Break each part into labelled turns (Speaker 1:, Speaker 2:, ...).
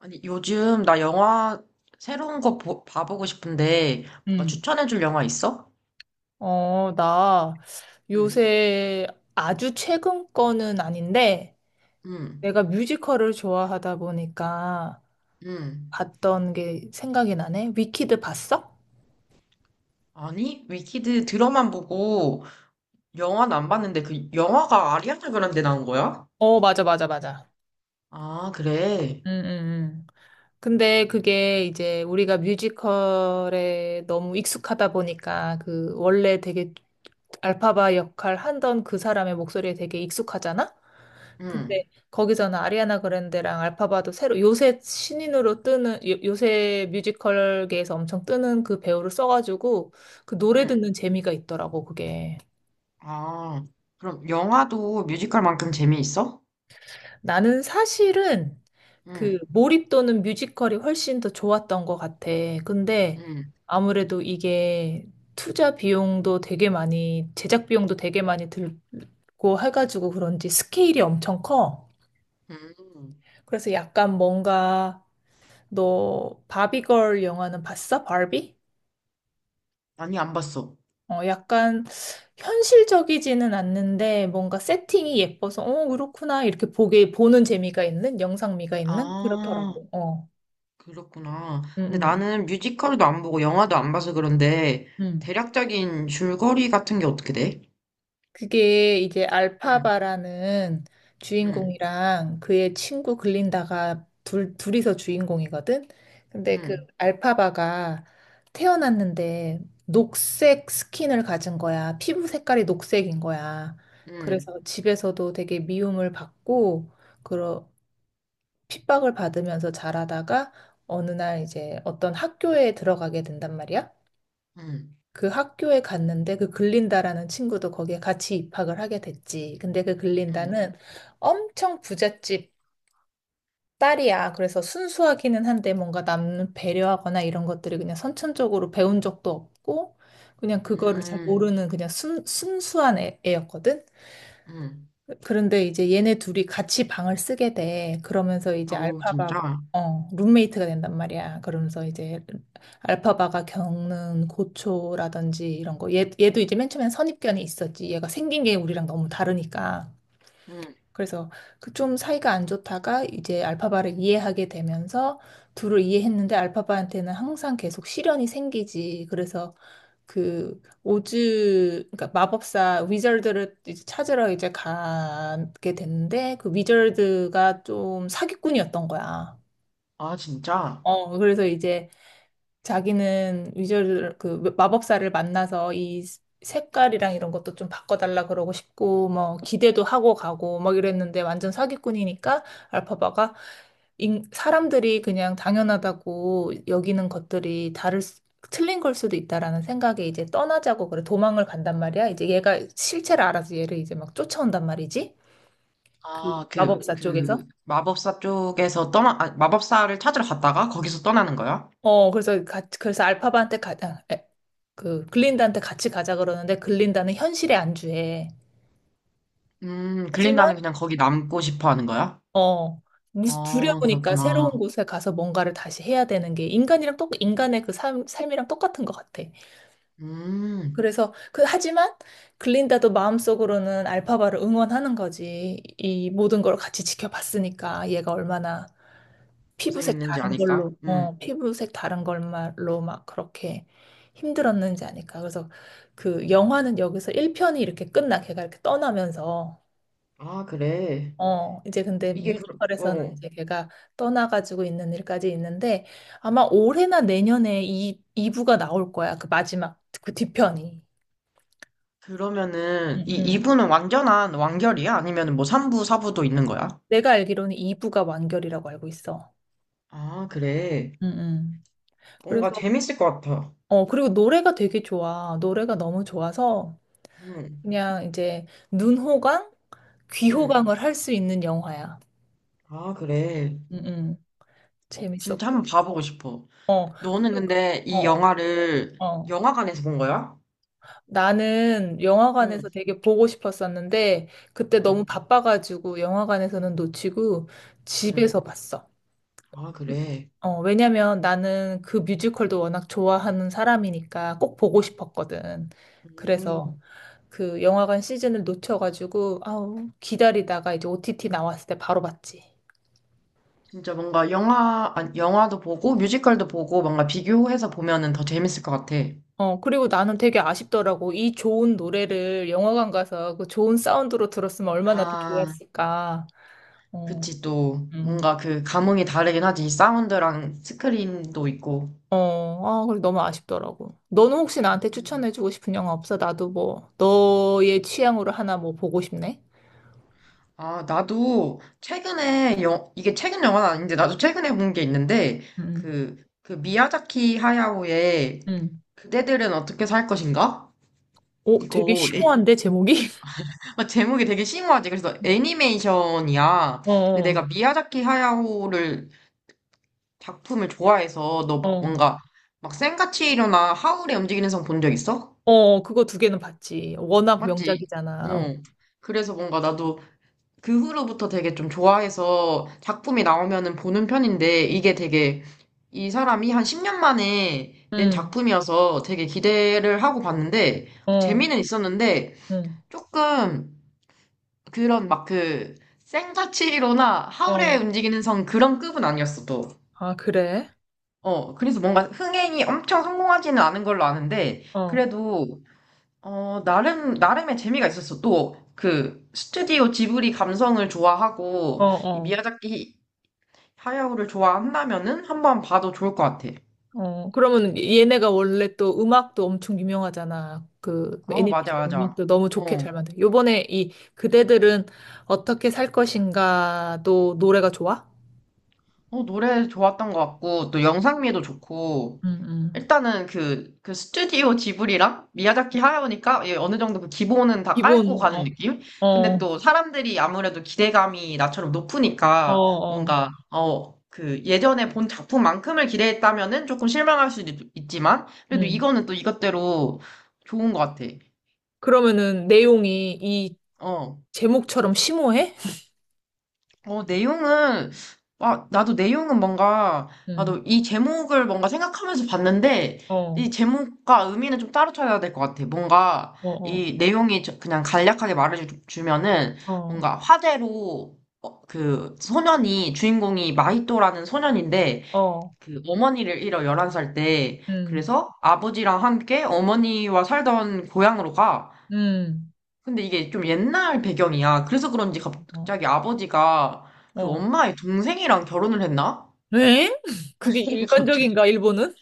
Speaker 1: 아니, 요즘 나 영화 새로운 거 봐보고 싶은데, 뭔가
Speaker 2: 음.
Speaker 1: 추천해줄 영화 있어?
Speaker 2: 나
Speaker 1: 응,
Speaker 2: 요새 아주 최근 거는 아닌데
Speaker 1: 응,
Speaker 2: 내가 뮤지컬을 좋아하다 보니까
Speaker 1: 응.
Speaker 2: 봤던 게 생각이 나네. 위키드 봤어?
Speaker 1: 아니, 위키드 드라만 보고 영화는 안 봤는데 그 영화가 아리아나 그란데 나온 거야?
Speaker 2: 어, 맞아, 맞아, 맞아.
Speaker 1: 아, 그래.
Speaker 2: 응 응 응. 근데 그게 이제 우리가 뮤지컬에 너무 익숙하다 보니까 그 원래 되게 알파바 역할 하던 그 사람의 목소리에 되게 익숙하잖아?
Speaker 1: 응,
Speaker 2: 근데 거기서는 아리아나 그란데랑 알파바도 새로 요새 신인으로 뜨는 요새 뮤지컬계에서 엄청 뜨는 그 배우를 써가지고 그 노래
Speaker 1: 응.
Speaker 2: 듣는 재미가 있더라고 그게.
Speaker 1: 아, 그럼 영화도 뮤지컬만큼 재미있어?
Speaker 2: 나는 사실은 그
Speaker 1: 응,
Speaker 2: 몰입도는 뮤지컬이 훨씬 더 좋았던 것 같아. 근데
Speaker 1: 응,
Speaker 2: 아무래도 이게 투자 비용도 되게 많이 제작 비용도 되게 많이 들고 해가지고 그런지 스케일이 엄청 커.
Speaker 1: 응.
Speaker 2: 그래서 약간 뭔가 너 바비걸 영화는 봤어? 바비?
Speaker 1: 아니, 안 봤어.
Speaker 2: 어, 약간 현실적이지는 않는데 뭔가 세팅이 예뻐서 어, 그렇구나 이렇게 보게 보는 재미가 있는 영상미가 있는
Speaker 1: 아,
Speaker 2: 그렇더라고.
Speaker 1: 그렇구나.
Speaker 2: 음,
Speaker 1: 근데
Speaker 2: 음,
Speaker 1: 나는 뮤지컬도 안 보고 영화도 안 봐서 그런데
Speaker 2: 음.
Speaker 1: 대략적인 줄거리 같은 게 어떻게 돼?
Speaker 2: 그게 이제
Speaker 1: 응,
Speaker 2: 알파바라는
Speaker 1: 응,
Speaker 2: 주인공이랑 그의 친구 글린다가 둘이서 주인공이거든. 근데 그
Speaker 1: 응,
Speaker 2: 알파바가 태어났는데 녹색 스킨을 가진 거야. 피부 색깔이 녹색인 거야.
Speaker 1: 응,
Speaker 2: 그래서 집에서도 되게 미움을 받고 그런 핍박을 받으면서 자라다가 어느 날 이제 어떤 학교에 들어가게 된단 말이야.
Speaker 1: 응,
Speaker 2: 그 학교에 갔는데 그 글린다라는 친구도 거기에 같이 입학을 하게 됐지. 근데 그
Speaker 1: 응,
Speaker 2: 글린다는 엄청 부잣집 딸이야. 그래서 순수하기는 한데 뭔가 남 배려하거나 이런 것들이 그냥 선천적으로 배운 적도 없고 그냥 그거를 잘
Speaker 1: 응,
Speaker 2: 모르는 그냥 순수한 애였거든.
Speaker 1: 응.
Speaker 2: 그런데 이제 얘네 둘이 같이 방을 쓰게 돼. 그러면서 이제
Speaker 1: 어우,
Speaker 2: 알파바가,
Speaker 1: 진짜?
Speaker 2: 룸메이트가 된단 말이야. 그러면서 이제 알파바가 겪는 고초라든지 이런 거. 얘도 이제 맨 처음엔 선입견이 있었지. 얘가 생긴 게 우리랑 너무 다르니까.
Speaker 1: 응.
Speaker 2: 그래서 그 좀 사이가 안 좋다가 이제 알파바를 이해하게 되면서 둘을 이해했는데 알파바한테는 항상 계속 시련이 생기지. 그래서 그 오즈 그러니까 마법사 위저드를 이제 찾으러 이제 가게 됐는데 그 위저드가 좀 사기꾼이었던 거야.
Speaker 1: 아, 진짜?
Speaker 2: 어 그래서 이제 자기는 위저를 그 마법사를 만나서 이 색깔이랑 이런 것도 좀 바꿔달라 그러고 싶고 뭐 기대도 하고 가고 막 이랬는데 완전 사기꾼이니까 알파바가 사람들이 그냥 당연하다고 여기는 것들이 틀린 걸 수도 있다라는 생각에 이제 떠나자고 그래 도망을 간단 말이야. 이제 얘가 실체를 알아서 얘를 이제 막 쫓아온단 말이지. 그
Speaker 1: 아, 그,
Speaker 2: 마법사
Speaker 1: 그,
Speaker 2: 쪽에서.
Speaker 1: 마법사 쪽에서 떠나, 아, 마법사를 찾으러 갔다가 거기서 떠나는 거야?
Speaker 2: 어, 그래서 같이, 그래서 알파바한테 그, 글린다한테 같이 가자 그러는데, 글린다는 현실에 안주해.
Speaker 1: 글린다는
Speaker 2: 하지만,
Speaker 1: 그냥 거기 남고 싶어 하는 거야?
Speaker 2: 어, 무슨
Speaker 1: 아,
Speaker 2: 두려우니까
Speaker 1: 그렇구나.
Speaker 2: 새로운 곳에 가서 뭔가를 다시 해야 되는 게 인간이랑 똑, 인간의 그 삶이랑 똑같은 것 같아.
Speaker 1: 음,
Speaker 2: 그래서, 그, 하지만, 글린다도 마음속으로는 알파바를 응원하는 거지. 이 모든 걸 같이 지켜봤으니까, 얘가 얼마나 피부색
Speaker 1: 고생했는지
Speaker 2: 다른
Speaker 1: 아니까?
Speaker 2: 걸로,
Speaker 1: 응.
Speaker 2: 어, 피부색 다른 걸로 막 그렇게 힘들었는지 아닐까. 그래서 그 영화는 여기서 1편이 이렇게 끝나. 걔가 이렇게 떠나면서.
Speaker 1: 아, 그래.
Speaker 2: 어, 이제 근데
Speaker 1: 이게 그,
Speaker 2: 뮤지컬에서는
Speaker 1: 어.
Speaker 2: 이제 걔가 떠나가지고 있는 일까지 있는데 아마 올해나 내년에 이 2부가 나올 거야. 그 마지막, 그 뒤편이.
Speaker 1: 그러면은
Speaker 2: 응,
Speaker 1: 이
Speaker 2: 응,
Speaker 1: 2부는 완전한 완결이야? 아니면 뭐 3부, 4부도 있는 거야?
Speaker 2: 내가 알기로는 2부가 완결이라고 알고 있어.
Speaker 1: 아, 그래.
Speaker 2: 응, 응.
Speaker 1: 뭔가
Speaker 2: 그래서,
Speaker 1: 재밌을 것 같아.
Speaker 2: 어, 그리고 노래가 되게 좋아. 노래가 너무 좋아서
Speaker 1: 응,
Speaker 2: 그냥 이제 눈호강,
Speaker 1: 응.
Speaker 2: 귀호강을 할 수 있는 영화야.
Speaker 1: 아, 그래.
Speaker 2: 음, 음.
Speaker 1: 어, 진짜
Speaker 2: 재밌었고요.
Speaker 1: 한번 봐보고 싶어.
Speaker 2: 어,
Speaker 1: 너는
Speaker 2: 근데 그-
Speaker 1: 근데
Speaker 2: 어,
Speaker 1: 이
Speaker 2: 어.
Speaker 1: 영화를
Speaker 2: 어.
Speaker 1: 영화관에서 본 거야?
Speaker 2: 나는 영화관에서
Speaker 1: 응,
Speaker 2: 되게 보고 싶었었는데 그때 너무
Speaker 1: 응,
Speaker 2: 바빠가지고 영화관에서는 놓치고
Speaker 1: 응.
Speaker 2: 집에서 봤어.
Speaker 1: 아, 그래.
Speaker 2: 어, 왜냐면 나는 그 뮤지컬도 워낙 좋아하는 사람이니까 꼭 보고 싶었거든. 그래서
Speaker 1: 음,
Speaker 2: 그 영화관 시즌을 놓쳐가지고 아우 기다리다가 이제 OTT 나왔을 때 바로 봤지.
Speaker 1: 진짜 뭔가 영화, 아니, 영화도 보고 뮤지컬도 보고 뭔가 비교해서 보면은 더 재밌을 것 같아.
Speaker 2: 어, 그리고 나는 되게 아쉽더라고. 이 좋은 노래를 영화관 가서 그 좋은 사운드로 들었으면 얼마나 더
Speaker 1: 아,
Speaker 2: 좋았을까. 어,
Speaker 1: 그치, 또,
Speaker 2: 음.
Speaker 1: 뭔가 그 감흥이 다르긴 하지. 사운드랑 스크린도 있고.
Speaker 2: 어, 아, 그래, 너무 아쉽더라고. 너는 혹시 나한테
Speaker 1: 음.
Speaker 2: 추천해주고 싶은 영화 없어? 나도 뭐, 너의 취향으로 하나 뭐 보고 싶네?
Speaker 1: 아, 나도 최근에, 영, 이게 최근 영화는 아닌데, 나도 최근에 본 게 있는데,
Speaker 2: 음,
Speaker 1: 그, 그 미야자키 하야오의
Speaker 2: 음.
Speaker 1: 그대들은 어떻게 살 것인가?
Speaker 2: 오, 되게
Speaker 1: 이거, 애-
Speaker 2: 심오한데, 제목이?
Speaker 1: 제목이 되게 심오하지. 그래서 애니메이션이야. 근데
Speaker 2: 어,
Speaker 1: 내가 미야자키 하야오를, 작품을 좋아해서, 너 뭐,
Speaker 2: 어,
Speaker 1: 뭔가, 막 센과 치히로나 하울의 움직이는 성 본 적 있어?
Speaker 2: 어, 그거 두 개는 봤지. 워낙
Speaker 1: 맞지?
Speaker 2: 명작이잖아.
Speaker 1: 어. 그래서 뭔가 나도 그 후로부터 되게 좀 좋아해서 작품이 나오면은 보는 편인데 이게 되게 이 사람이 한 10년 만에 낸
Speaker 2: 응,
Speaker 1: 작품이어서 되게 기대를 하고 봤는데
Speaker 2: 어,
Speaker 1: 재미는 있었는데
Speaker 2: 응,
Speaker 1: 조금 그런 막 그 생자치로나 하울의
Speaker 2: 어.
Speaker 1: 움직이는 성 그런 급은 아니었어 또.
Speaker 2: 아, 그래?
Speaker 1: 어, 그래서 뭔가 흥행이 엄청 성공하지는 않은 걸로 아는데
Speaker 2: 어,
Speaker 1: 그래도 어, 나름, 나름의 재미가 있었어. 또, 그, 스튜디오 지브리 감성을
Speaker 2: 어,
Speaker 1: 좋아하고, 이
Speaker 2: 어.
Speaker 1: 미야자키 하야오를 좋아한다면은 한번 봐도 좋을 것 같아.
Speaker 2: 어, 그러면 얘네가 원래 또 음악도 엄청 유명하잖아. 그
Speaker 1: 어, 맞아,
Speaker 2: 애니메이션
Speaker 1: 맞아.
Speaker 2: 음악도 너무 좋게
Speaker 1: 어,
Speaker 2: 잘 만든. 요번에 이 그대들은 어떻게 살 것인가도 노래가 좋아?
Speaker 1: 어, 노래 좋았던 것 같고, 또 영상미도 좋고,
Speaker 2: 응, 응.
Speaker 1: 일단은 그, 그 스튜디오 지브리랑 미야자키 하야오니까 예, 어느 정도 그 기본은 다 깔고
Speaker 2: 기본,
Speaker 1: 가는
Speaker 2: 어,
Speaker 1: 느낌? 근데
Speaker 2: 어,
Speaker 1: 또 사람들이 아무래도 기대감이 나처럼
Speaker 2: 어,
Speaker 1: 높으니까
Speaker 2: 어.
Speaker 1: 뭔가, 어, 그 예전에 본 작품만큼을 기대했다면은 조금 실망할 수도 있, 지만 그래도
Speaker 2: 응.
Speaker 1: 이거는 또 이것대로 좋은 것 같아.
Speaker 2: 그러면은 내용이 이
Speaker 1: 어.
Speaker 2: 제목처럼 심오해?
Speaker 1: 어, 내용은, 아, 나도 내용은 뭔가,
Speaker 2: 응.
Speaker 1: 나도 이 제목을 뭔가 생각하면서 봤는데,
Speaker 2: 어,
Speaker 1: 이 제목과 의미는 좀 따로 찾아야 될 것 같아. 뭔가,
Speaker 2: 어, 어,
Speaker 1: 이 내용이 그냥 간략하게 말해주면은,
Speaker 2: 어,
Speaker 1: 뭔가 화제로, 어, 그, 소년이, 주인공이 마히토라는 소년인데,
Speaker 2: 어.
Speaker 1: 그, 어머니를 잃어, 열한 살 때.
Speaker 2: 응,
Speaker 1: 그래서 아버지랑 함께 어머니와 살던 고향으로 가.
Speaker 2: 응.
Speaker 1: 근데 이게 좀 옛날 배경이야. 그래서 그런지
Speaker 2: 어,
Speaker 1: 갑자기 아버지가 그
Speaker 2: 어.
Speaker 1: 엄마의 동생이랑 결혼을 했나?
Speaker 2: 왜? 그게 일반적인가, 일본은?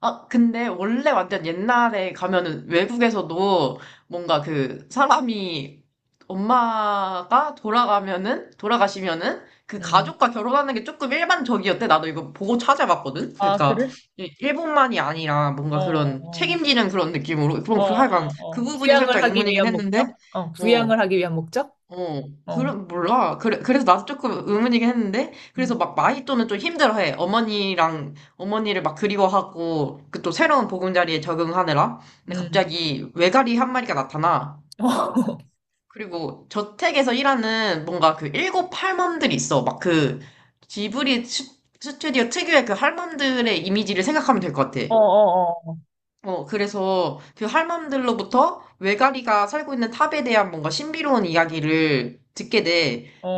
Speaker 1: 아, 근데 원래 완전 옛날에 가면은 외국에서도 뭔가 그 사람이 엄마가 돌아가면은, 돌아가시면은 그
Speaker 2: 응.
Speaker 1: 가족과 결혼하는 게 조금 일반적이었대. 나도 이거 보고 찾아봤거든.
Speaker 2: 아,
Speaker 1: 그러니까
Speaker 2: 그래?
Speaker 1: 일본만이 아니라 뭔가
Speaker 2: 어,
Speaker 1: 그런
Speaker 2: 어.
Speaker 1: 책임지는 그런 느낌으로. 그럼
Speaker 2: 어,
Speaker 1: 그 하여간
Speaker 2: 어,
Speaker 1: 그
Speaker 2: 어.
Speaker 1: 부분이
Speaker 2: 부양을
Speaker 1: 살짝
Speaker 2: 하기
Speaker 1: 의문이긴
Speaker 2: 위한
Speaker 1: 했는데,
Speaker 2: 목적? 어,
Speaker 1: 어,
Speaker 2: 부양을 하기 위한 목적?
Speaker 1: 어,
Speaker 2: 어,
Speaker 1: 그래, 몰라. 그래, 그래서 나도 조금 의문이긴 했는데, 그래서
Speaker 2: 음,
Speaker 1: 막 마히또는 좀 힘들어해. 어머니랑, 어머니를 막 그리워하고, 그 또 새로운 보금자리에 적응하느라. 근데
Speaker 2: 음.
Speaker 1: 갑자기 외가리 한 마리가 나타나. 그리고 저택에서 일하는 뭔가 그 일곱 할멈들이 있어. 막 그, 지브리 스- 스튜디오 특유의 그 할멈들의 이미지를 생각하면 될 것 같아.
Speaker 2: 어, 어,
Speaker 1: 어, 그래서 그 할멈들로부터 외가리가 살고 있는 탑에 대한 뭔가 신비로운 이야기를 듣게 돼.
Speaker 2: 어,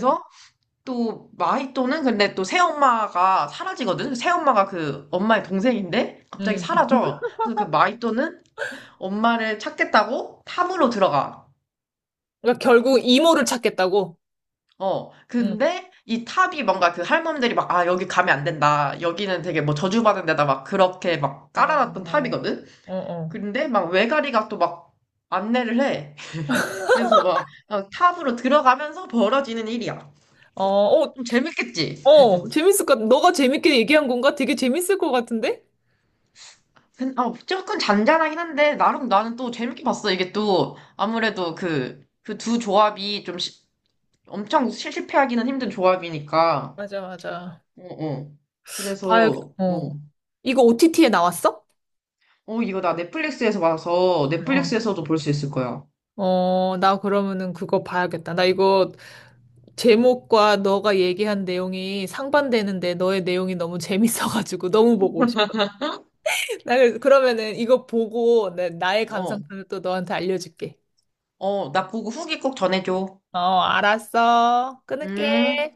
Speaker 2: 어,
Speaker 1: 또 마히또는 근데 또 새엄마가 사라지거든? 새엄마가 그 엄마의 동생인데 갑자기
Speaker 2: 음.
Speaker 1: 사라져. 그래서 그 마히또는 엄마를 찾겠다고 탑으로 들어가.
Speaker 2: 그러니까 결국 이모를 찾겠다고?
Speaker 1: 어,
Speaker 2: 음.
Speaker 1: 근데 이 탑이 뭔가 그 할멈들이 막, 아, 여기 가면 안 된다. 여기는 되게 뭐 저주받은 데다 막 그렇게 막
Speaker 2: 어,
Speaker 1: 깔아놨던
Speaker 2: 어,
Speaker 1: 탑이거든?
Speaker 2: 어,
Speaker 1: 근데 막 외가리가 또 막 안내를 해. 그래서 막 어, 탑으로 들어가면서 벌어지는 일이야.
Speaker 2: 어, 어,
Speaker 1: 좀 재밌겠지?
Speaker 2: 어, 어, 재밌을 것 같, 너가 재밌게 얘기한 건가? 되게 재밌을 것 같은데?
Speaker 1: 어, 조금 잔잔하긴 한데 나름 나는 또 재밌게 봤어. 이게 또 아무래도 그 두 조합이 엄청 실패하기는 힘든 조합이니까.
Speaker 2: 맞아, 맞아.
Speaker 1: 어, 어.
Speaker 2: 봐야,
Speaker 1: 그래서
Speaker 2: 어.
Speaker 1: 어,
Speaker 2: 이거 OTT에 나왔어?
Speaker 1: 어 이거 나 넷플릭스에서 봐서
Speaker 2: 어.
Speaker 1: 넷플릭스에서도 볼 수 있을 거야.
Speaker 2: 어, 나 그러면은 그거 봐야겠다. 나 이거 제목과 너가 얘기한 내용이 상반되는데 너의 내용이 너무 재밌어가지고 너무 보고 싶어. 나 그래서 그러면은 이거 보고 나의
Speaker 1: 어,
Speaker 2: 감상평을 또 너한테 알려줄게.
Speaker 1: 어, 나 보고 후기 꼭 전해줘.
Speaker 2: 어, 알았어. 끊을게.
Speaker 1: 음.